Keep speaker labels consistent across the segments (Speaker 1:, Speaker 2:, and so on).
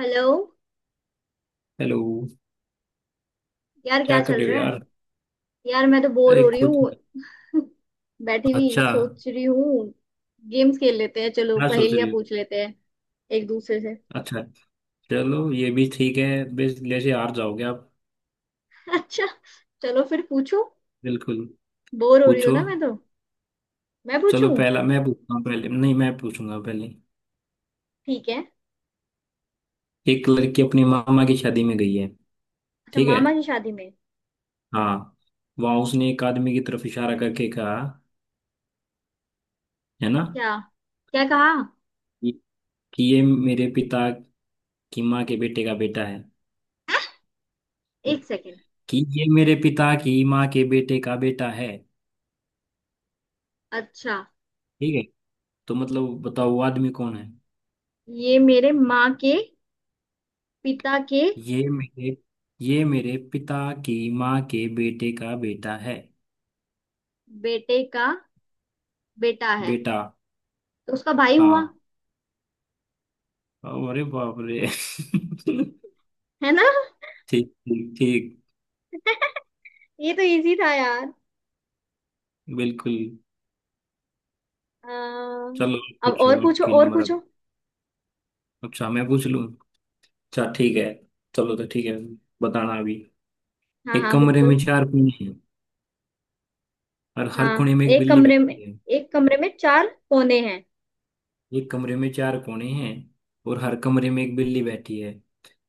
Speaker 1: Hello.
Speaker 2: Hello.
Speaker 1: यार क्या
Speaker 2: क्या कर
Speaker 1: चल
Speaker 2: रहे हो
Speaker 1: रहा है।
Speaker 2: यार।
Speaker 1: यार मैं तो बोर हो
Speaker 2: एक
Speaker 1: रही
Speaker 2: कुछ।
Speaker 1: हूँ। बैठी हुई
Speaker 2: अच्छा।
Speaker 1: सोच रही हूँ। गेम्स खेल लेते हैं, चलो
Speaker 2: क्या सोच रही
Speaker 1: पहेलियां
Speaker 2: हो?
Speaker 1: पूछ लेते हैं एक दूसरे से।
Speaker 2: अच्छा, चलो ये भी ठीक है। बस जैसे हार जाओगे आप।
Speaker 1: अच्छा, चलो फिर पूछूं,
Speaker 2: बिल्कुल।
Speaker 1: बोर हो रही हूँ
Speaker 2: पूछो।
Speaker 1: ना मैं तो। मैं
Speaker 2: चलो
Speaker 1: पूछूं?
Speaker 2: पहला मैं पूछता हूँ, पहले नहीं, मैं पूछूंगा पहले।
Speaker 1: ठीक है।
Speaker 2: एक लड़की अपनी मामा की शादी में गई है।
Speaker 1: अच्छा,
Speaker 2: ठीक है।
Speaker 1: मामा की शादी में?
Speaker 2: हाँ। वहाँ उसने एक आदमी की तरफ इशारा करके कहा, है ना,
Speaker 1: क्या? क्या कहा?
Speaker 2: कि कि ये मेरे पिता की माँ के बेटे का बेटा है।
Speaker 1: एक सेकेंड।
Speaker 2: कि ये मेरे पिता की माँ के बेटे का बेटा है।
Speaker 1: अच्छा,
Speaker 2: ठीक है। तो मतलब बताओ वो आदमी कौन है?
Speaker 1: ये मेरे माँ के पिता के
Speaker 2: ये मेरे ये मेरे पिता की माँ के बेटे का बेटा है।
Speaker 1: बेटे का बेटा है,
Speaker 2: बेटा।
Speaker 1: तो उसका भाई हुआ,
Speaker 2: हाँ। अरे बाप रे
Speaker 1: है ना?
Speaker 2: ठीक ठीक ठीक।
Speaker 1: ये तो इजी था यार।
Speaker 2: बिल्कुल।
Speaker 1: अम,
Speaker 2: चलो,
Speaker 1: अब और
Speaker 2: पूछो,
Speaker 1: पूछो
Speaker 2: आपकी
Speaker 1: और
Speaker 2: नंबर अब।
Speaker 1: पूछो।
Speaker 2: अच्छा, मैं पूछ लूँ। अच्छा ठीक है। चलो तो ठीक है। बताना अभी।
Speaker 1: हाँ
Speaker 2: एक
Speaker 1: हाँ
Speaker 2: कमरे में
Speaker 1: बिल्कुल।
Speaker 2: चार कोने हैं और हर
Speaker 1: हाँ,
Speaker 2: कोने में एक
Speaker 1: एक
Speaker 2: बिल्ली
Speaker 1: कमरे में,
Speaker 2: बैठी है।
Speaker 1: एक कमरे में चार कोने हैं।
Speaker 2: एक कमरे में चार कोने हैं और हर कमरे में एक बिल्ली बैठी है।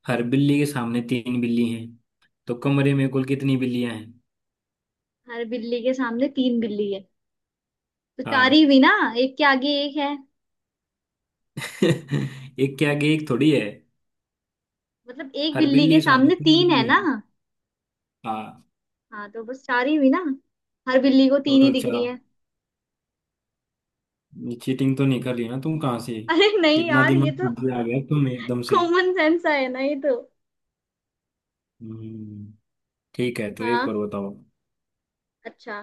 Speaker 2: हर बिल्ली के सामने तीन बिल्ली हैं। तो कमरे में कुल कितनी बिल्लियां हैं?
Speaker 1: हर बिल्ली के सामने तीन बिल्ली है, तो चार
Speaker 2: हाँ।
Speaker 1: ही हुई ना। एक के आगे एक है,
Speaker 2: एक के आगे एक थोड़ी है।
Speaker 1: मतलब एक
Speaker 2: हर
Speaker 1: बिल्ली के
Speaker 2: बिल्ली सामने
Speaker 1: सामने
Speaker 2: तुम
Speaker 1: तीन है
Speaker 2: बिल्ली।
Speaker 1: ना।
Speaker 2: हाँ।
Speaker 1: हाँ तो बस चार ही हुई ना, हर बिल्ली को तीन ही
Speaker 2: टोटल
Speaker 1: दिख रही
Speaker 2: चार।
Speaker 1: है।
Speaker 2: चीटिंग तो नहीं कर रही ना तुम? कहाँ से
Speaker 1: अरे नहीं
Speaker 2: इतना
Speaker 1: यार, ये
Speaker 2: दिमाग
Speaker 1: तो
Speaker 2: कहाँ से आ गया तुम एकदम से?
Speaker 1: कॉमन सेंस है ना ये तो।
Speaker 2: हम्म, ठीक है, तो एक
Speaker 1: हाँ,
Speaker 2: और बताओ।
Speaker 1: अच्छा।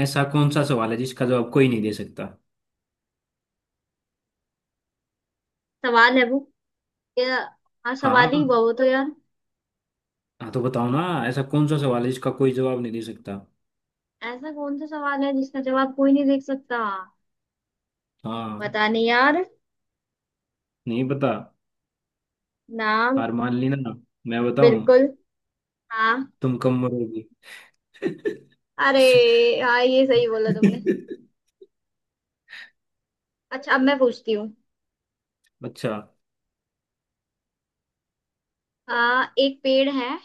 Speaker 2: ऐसा कौन सा सवाल है जिसका जवाब कोई नहीं दे सकता?
Speaker 1: सवाल है वो, ये, हाँ सवाल
Speaker 2: हाँ।
Speaker 1: ही हुआ वो तो यार।
Speaker 2: हाँ तो बताओ ना। ऐसा कौन सा सवाल है जिसका कोई जवाब नहीं दे सकता?
Speaker 1: ऐसा कौन सा सवाल है जिसका जवाब कोई नहीं देख सकता?
Speaker 2: हाँ।
Speaker 1: पता नहीं यार।
Speaker 2: नहीं पता।
Speaker 1: ना।
Speaker 2: हार मान ली ना? मैं बताऊं।
Speaker 1: बिल्कुल। हाँ।
Speaker 2: तुम कम मरोगी।
Speaker 1: अरे, हाँ ये सही बोला तुमने। अच्छा, अब मैं पूछती हूँ।
Speaker 2: अच्छा
Speaker 1: एक पेड़ है,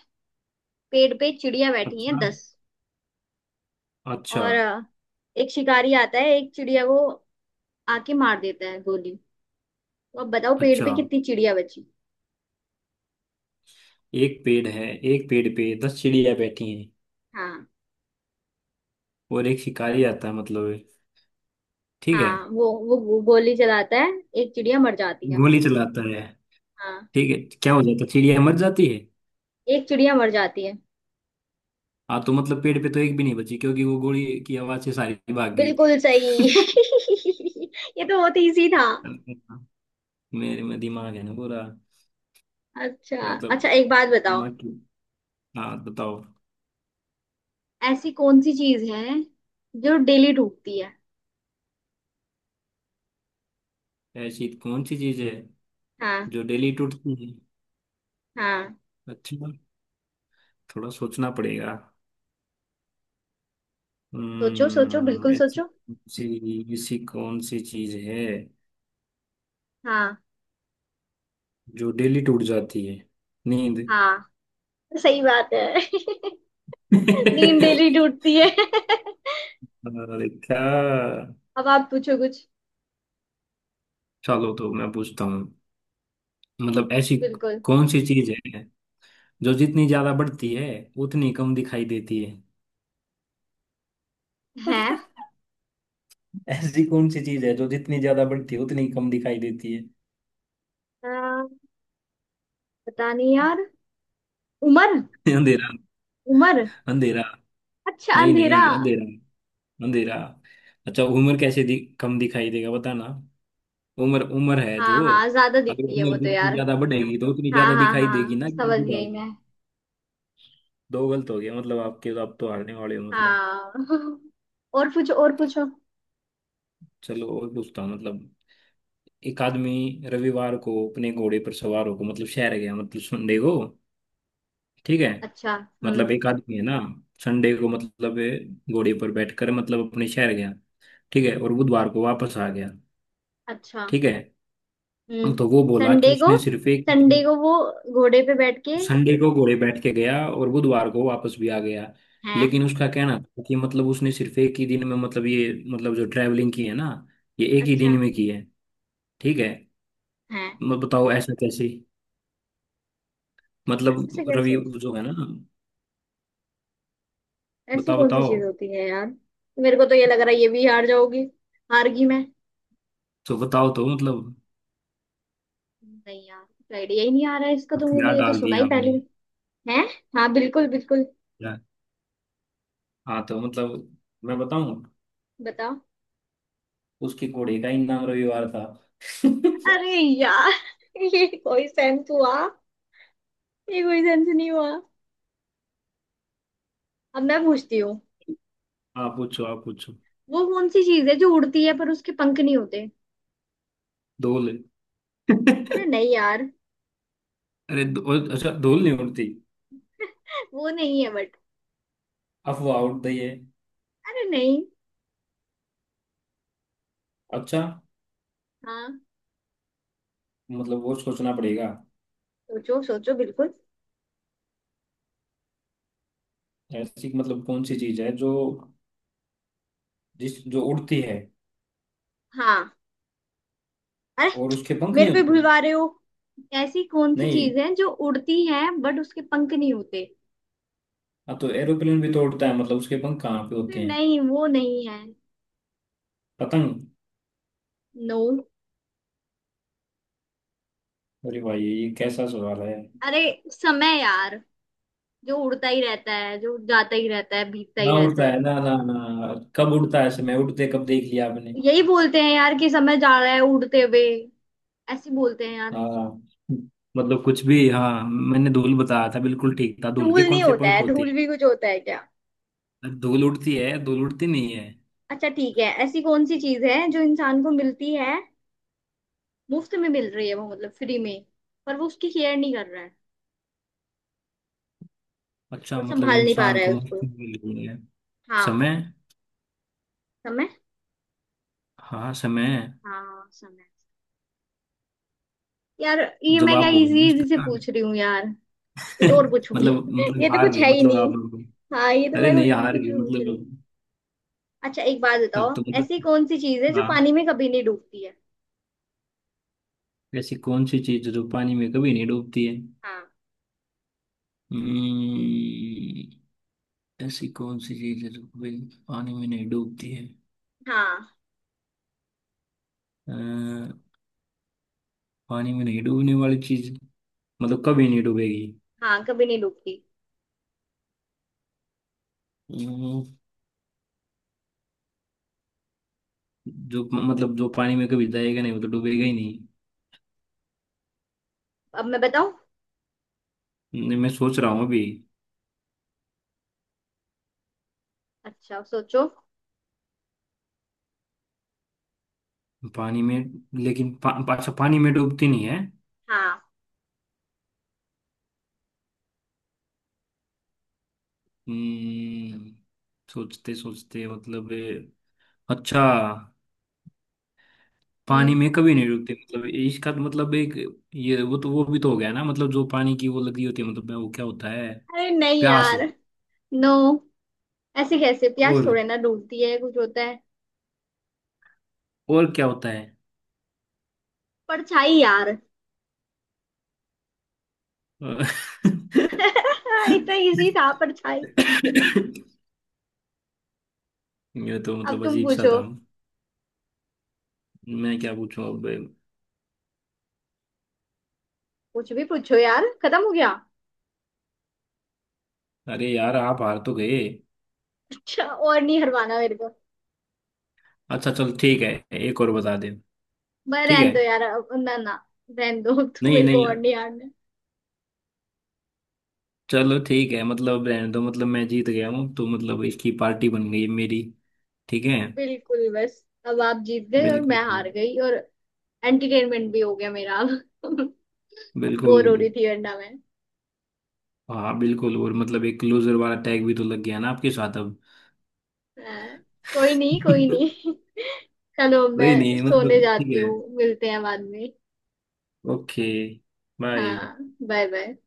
Speaker 1: पेड़ पे चिड़िया बैठी है
Speaker 2: अच्छा
Speaker 1: दस।
Speaker 2: अच्छा
Speaker 1: और एक शिकारी आता है, एक चिड़िया को आके मार देता है गोली। तो अब बताओ पेड़
Speaker 2: अच्छा।
Speaker 1: पे कितनी चिड़िया बची?
Speaker 2: एक पेड़ है, एक पेड़ पे दस चिड़िया बैठी हैं।
Speaker 1: हाँ।
Speaker 2: और एक शिकारी आता है, मतलब है। ठीक है।
Speaker 1: हाँ वो गोली चलाता है, एक चिड़िया मर जाती है।
Speaker 2: गोली चलाता है।
Speaker 1: हाँ।
Speaker 2: ठीक है। क्या हो जाता है? चिड़िया मर जाती है।
Speaker 1: एक चिड़िया मर जाती है।
Speaker 2: हाँ तो मतलब पेड़ पे तो एक भी नहीं बची क्योंकि वो गोली की आवाज से सारी भाग गई।
Speaker 1: बिल्कुल सही। ये तो बहुत इजी था।
Speaker 2: मेरे में दिमाग है ना पूरा।
Speaker 1: अच्छा
Speaker 2: मतलब
Speaker 1: अच्छा, एक बात बताओ।
Speaker 2: दिमाग की। हाँ बताओ।
Speaker 1: ऐसी कौन सी चीज है जो डेली टूटती है?
Speaker 2: ऐसी कौन सी चीज है
Speaker 1: हाँ।
Speaker 2: जो डेली टूटती है?
Speaker 1: हाँ।
Speaker 2: अच्छा, थोड़ा सोचना पड़ेगा।
Speaker 1: सोचो सोचो बिल्कुल
Speaker 2: ऐसी
Speaker 1: सोचो।
Speaker 2: कौन सी ऐसी कौन सी चीज है
Speaker 1: हाँ।
Speaker 2: जो डेली टूट जाती है? नींद।
Speaker 1: हाँ सही बात है। नींद डेली टूटती है।
Speaker 2: अरे क्या।
Speaker 1: अब आप पूछो कुछ।
Speaker 2: चलो तो मैं पूछता हूँ। मतलब ऐसी
Speaker 1: बिल्कुल।
Speaker 2: कौन सी चीज है जो जितनी ज्यादा बढ़ती है उतनी कम दिखाई देती है?
Speaker 1: है।
Speaker 2: ऐसी कौन सी चीज है जो जितनी ज्यादा बढ़ती है उतनी कम दिखाई देती है?
Speaker 1: आ, पता नहीं यार। उम्र।
Speaker 2: अंधेरा।
Speaker 1: उम्र।
Speaker 2: अंधेरा।
Speaker 1: अच्छा
Speaker 2: नहीं
Speaker 1: अंधेरा?
Speaker 2: नहीं, अंधेरा। अंधेरा। अच्छा, उम्र कैसे कम दिखाई देगा? बताना। उम्र उम्र है
Speaker 1: हाँ
Speaker 2: जो।
Speaker 1: हाँ ज्यादा
Speaker 2: अगर
Speaker 1: दिखती है वो
Speaker 2: उम्र
Speaker 1: तो
Speaker 2: जितनी
Speaker 1: यार।
Speaker 2: ज्यादा बढ़ेगी तो उतनी
Speaker 1: हाँ
Speaker 2: ज्यादा
Speaker 1: हाँ
Speaker 2: दिखाई देगी
Speaker 1: हाँ
Speaker 2: ना कि
Speaker 1: समझ
Speaker 2: बूढ़ा हो।
Speaker 1: गई मैं।
Speaker 2: दो गलत हो गया मतलब आपके, तो आप तो हारने वाले हो मतलब।
Speaker 1: हाँ। और पूछो और पूछो।
Speaker 2: चलो और पूछता हूँ। मतलब एक आदमी रविवार को अपने घोड़े पर सवार होकर मतलब शहर गया, मतलब संडे को। ठीक है।
Speaker 1: अच्छा। हम्म।
Speaker 2: मतलब एक आदमी है ना, संडे को मतलब घोड़े पर बैठकर मतलब अपने शहर गया। ठीक है, और बुधवार को वापस आ गया।
Speaker 1: अच्छा।
Speaker 2: ठीक है।
Speaker 1: हम्म।
Speaker 2: तो वो बोला कि
Speaker 1: संडे को,
Speaker 2: उसने सिर्फ एक
Speaker 1: संडे
Speaker 2: दिन।
Speaker 1: को वो घोड़े पे बैठ के।
Speaker 2: संडे को घोड़े बैठ के गया और बुधवार को वापस भी आ गया।
Speaker 1: हैं?
Speaker 2: लेकिन उसका कहना था कि मतलब उसने सिर्फ एक ही दिन में मतलब ये, मतलब जो ट्रैवलिंग की है ना, ये एक ही दिन
Speaker 1: अच्छा।
Speaker 2: में की है। ठीक है।
Speaker 1: हैं?
Speaker 2: मैं बताओ ऐसा कैसे?
Speaker 1: ऐसे
Speaker 2: मतलब रवि
Speaker 1: कैसे?
Speaker 2: जो है ना।
Speaker 1: ऐसी
Speaker 2: बताओ
Speaker 1: कौन सी
Speaker 2: बताओ।
Speaker 1: चीज होती है यार? मेरे को तो ये लग रहा है ये भी हार जाओगी। हार गई मैं।
Speaker 2: तो बताओ, तो मतलब
Speaker 1: नहीं यार, कुछ आइडिया ही नहीं आ रहा है, इसका तो मुझे
Speaker 2: हथियार
Speaker 1: ये तो
Speaker 2: डाल
Speaker 1: सुना
Speaker 2: दिया
Speaker 1: ही पहले
Speaker 2: आपने।
Speaker 1: है। हाँ बिल्कुल बिल्कुल।
Speaker 2: क्या- हाँ तो मतलब मैं बताऊं।
Speaker 1: बताओ।
Speaker 2: उसके घोड़े का ही नाम रविवार था।
Speaker 1: अरे यार। ये कोई सेंस हुआ? ये कोई सेंस नहीं हुआ। अब मैं पूछती हूँ।
Speaker 2: आप पूछो आप पूछो।
Speaker 1: वो कौन सी चीज है जो उड़ती है पर उसके पंख नहीं होते?
Speaker 2: धूल।
Speaker 1: अरे नहीं यार।
Speaker 2: अरे धूल- अच्छा धूल नहीं उड़ती?
Speaker 1: वो नहीं है बट।
Speaker 2: अफवाह उड़ रही है।
Speaker 1: अरे नहीं।
Speaker 2: अच्छा,
Speaker 1: हाँ।
Speaker 2: मतलब वो सोचना पड़ेगा।
Speaker 1: सोचो सोचो बिल्कुल।
Speaker 2: ऐसी मतलब कौन सी चीज है जो जिस जो उड़ती है
Speaker 1: हाँ। अरे,
Speaker 2: और उसके पंख नहीं
Speaker 1: मेरे को ही
Speaker 2: होते?
Speaker 1: भुलवा रहे हो। ऐसी कौन सी
Speaker 2: नहीं।
Speaker 1: चीज है जो उड़ती है बट उसके पंख नहीं होते?
Speaker 2: हाँ तो एरोप्लेन भी तो उड़ता है, मतलब उसके पंख कहाँ पे
Speaker 1: अरे
Speaker 2: होते हैं?
Speaker 1: नहीं वो नहीं है।
Speaker 2: पतंग।
Speaker 1: नो।
Speaker 2: अरे भाई ये कैसा सवाल है?
Speaker 1: अरे। समय यार, जो उड़ता ही रहता है, जो जाता ही रहता है, बीतता ही
Speaker 2: ना
Speaker 1: रहता
Speaker 2: उड़ता
Speaker 1: है।
Speaker 2: है, ना ना ना कब उड़ता है समय? उड़ते कब देख लिया आपने?
Speaker 1: यही बोलते हैं यार कि समय जा रहा है उड़ते हुए। ऐसे बोलते हैं यार।
Speaker 2: हाँ। मतलब कुछ भी। हाँ मैंने धूल बताया था, बिल्कुल ठीक था। धूल
Speaker 1: धूल
Speaker 2: के कौन
Speaker 1: नहीं
Speaker 2: से
Speaker 1: होता
Speaker 2: पंख
Speaker 1: है,
Speaker 2: होते
Speaker 1: धूल भी कुछ होता है क्या?
Speaker 2: हैं? धूल उड़ती है, धूल उड़ती नहीं है?
Speaker 1: अच्छा ठीक है। ऐसी कौन सी चीज है जो इंसान को मिलती है? मुफ्त में मिल रही है वो, मतलब फ्री में, पर वो उसकी केयर नहीं कर रहा है
Speaker 2: अच्छा,
Speaker 1: और
Speaker 2: मतलब
Speaker 1: संभाल नहीं पा
Speaker 2: इंसान
Speaker 1: रहा
Speaker 2: को
Speaker 1: है
Speaker 2: मुफ्त
Speaker 1: उसको।
Speaker 2: में मिल गई है।
Speaker 1: हाँ।
Speaker 2: समय।
Speaker 1: समय।
Speaker 2: हाँ समय।
Speaker 1: हाँ समय। यार, ये मैं क्या
Speaker 2: जवाब हो गया नहीं
Speaker 1: इजी इजी से
Speaker 2: इसका।
Speaker 1: पूछ रही हूँ यार। कुछ और पूछूंगी।
Speaker 2: मतलब मतलब
Speaker 1: ये तो
Speaker 2: हार
Speaker 1: कुछ
Speaker 2: गई
Speaker 1: है ही
Speaker 2: मतलब
Speaker 1: नहीं।
Speaker 2: आप।
Speaker 1: हाँ ये तो
Speaker 2: अरे
Speaker 1: मैं कुछ
Speaker 2: नहीं, हार
Speaker 1: कुछ
Speaker 2: गई
Speaker 1: भी पूछ रही हूँ।
Speaker 2: मतलब।
Speaker 1: अच्छा एक बात बताओ।
Speaker 2: अब तो
Speaker 1: ऐसी
Speaker 2: मतलब।
Speaker 1: कौन सी चीज है जो
Speaker 2: हाँ।
Speaker 1: पानी में कभी नहीं डूबती है?
Speaker 2: ऐसी कौन सी चीज जो पानी में कभी नहीं डूबती है?
Speaker 1: हाँ।
Speaker 2: हम्म, ऐसी कौन सी चीज है जो कभी पानी में नहीं डूबती है?
Speaker 1: हाँ।
Speaker 2: अ, पानी में नहीं डूबने वाली चीज मतलब कभी नहीं डूबेगी।
Speaker 1: हाँ कभी नहीं डूबती।
Speaker 2: हम्म, जो मतलब जो पानी में कभी जाएगा नहीं वो तो डूबेगा ही नहीं।
Speaker 1: अब मैं बताऊं।
Speaker 2: नहीं, मैं सोच रहा हूँ अभी।
Speaker 1: अच्छा सोचो।
Speaker 2: पानी में, लेकिन अच्छा पानी में डूबती नहीं है।
Speaker 1: हाँ।
Speaker 2: हम्म, सोचते सोचते मतलब अच्छा। पानी
Speaker 1: हम्म।
Speaker 2: में कभी नहीं डूबते मतलब, इसका तो मतलब एक। ये वो तो वो भी तो हो गया ना, मतलब जो पानी की वो लगी होती है, मतलब वो क्या होता है?
Speaker 1: अरे नहीं
Speaker 2: प्यास।
Speaker 1: यार। नो। ऐसे कैसे, प्यास
Speaker 2: और
Speaker 1: थोड़े ना डूबती है, कुछ होता है।
Speaker 2: और क्या होता है?
Speaker 1: परछाई यार। इतना इजी था, परछाई।
Speaker 2: ये तो
Speaker 1: अब
Speaker 2: मतलब
Speaker 1: तुम
Speaker 2: अजीब सा
Speaker 1: पूछो।
Speaker 2: था। मैं क्या पूछूं अब?
Speaker 1: कुछ भी पूछो यार, खत्म हो गया।
Speaker 2: अरे यार, आप हार तो गए।
Speaker 1: अच्छा, और नहीं हरवाना मेरे को।
Speaker 2: अच्छा चल ठीक है, एक और बता दे।
Speaker 1: मैं
Speaker 2: ठीक
Speaker 1: रहने
Speaker 2: है।
Speaker 1: दो यार अब- ना ना रहने दो। अब तो
Speaker 2: नहीं
Speaker 1: मेरे को
Speaker 2: नहीं।
Speaker 1: और नहीं हारना है।
Speaker 2: चलो ठीक है, मतलब रहने दो, मतलब मैं जीत गया हूँ तो मतलब इसकी पार्टी बन गई मेरी। ठीक है।
Speaker 1: बिल्कुल, बस अब आप जीत गए और मैं
Speaker 2: बिल्कुल
Speaker 1: हार गई, और एंटरटेनमेंट भी हो गया मेरा अब।
Speaker 2: बिल्कुल।
Speaker 1: बोर हो रही थी वरना मैं।
Speaker 2: हाँ बिल्कुल। और मतलब एक क्लोजर वाला टैग भी तो लग गया ना आपके साथ अब।
Speaker 1: हाँ, कोई नहीं कोई नहीं। चलो
Speaker 2: नहीं
Speaker 1: मैं
Speaker 2: नहीं,
Speaker 1: सोने
Speaker 2: मतलब ठीक
Speaker 1: जाती
Speaker 2: है।
Speaker 1: हूँ, मिलते हैं बाद में।
Speaker 2: ओके। बाय।
Speaker 1: हाँ। Bye bye.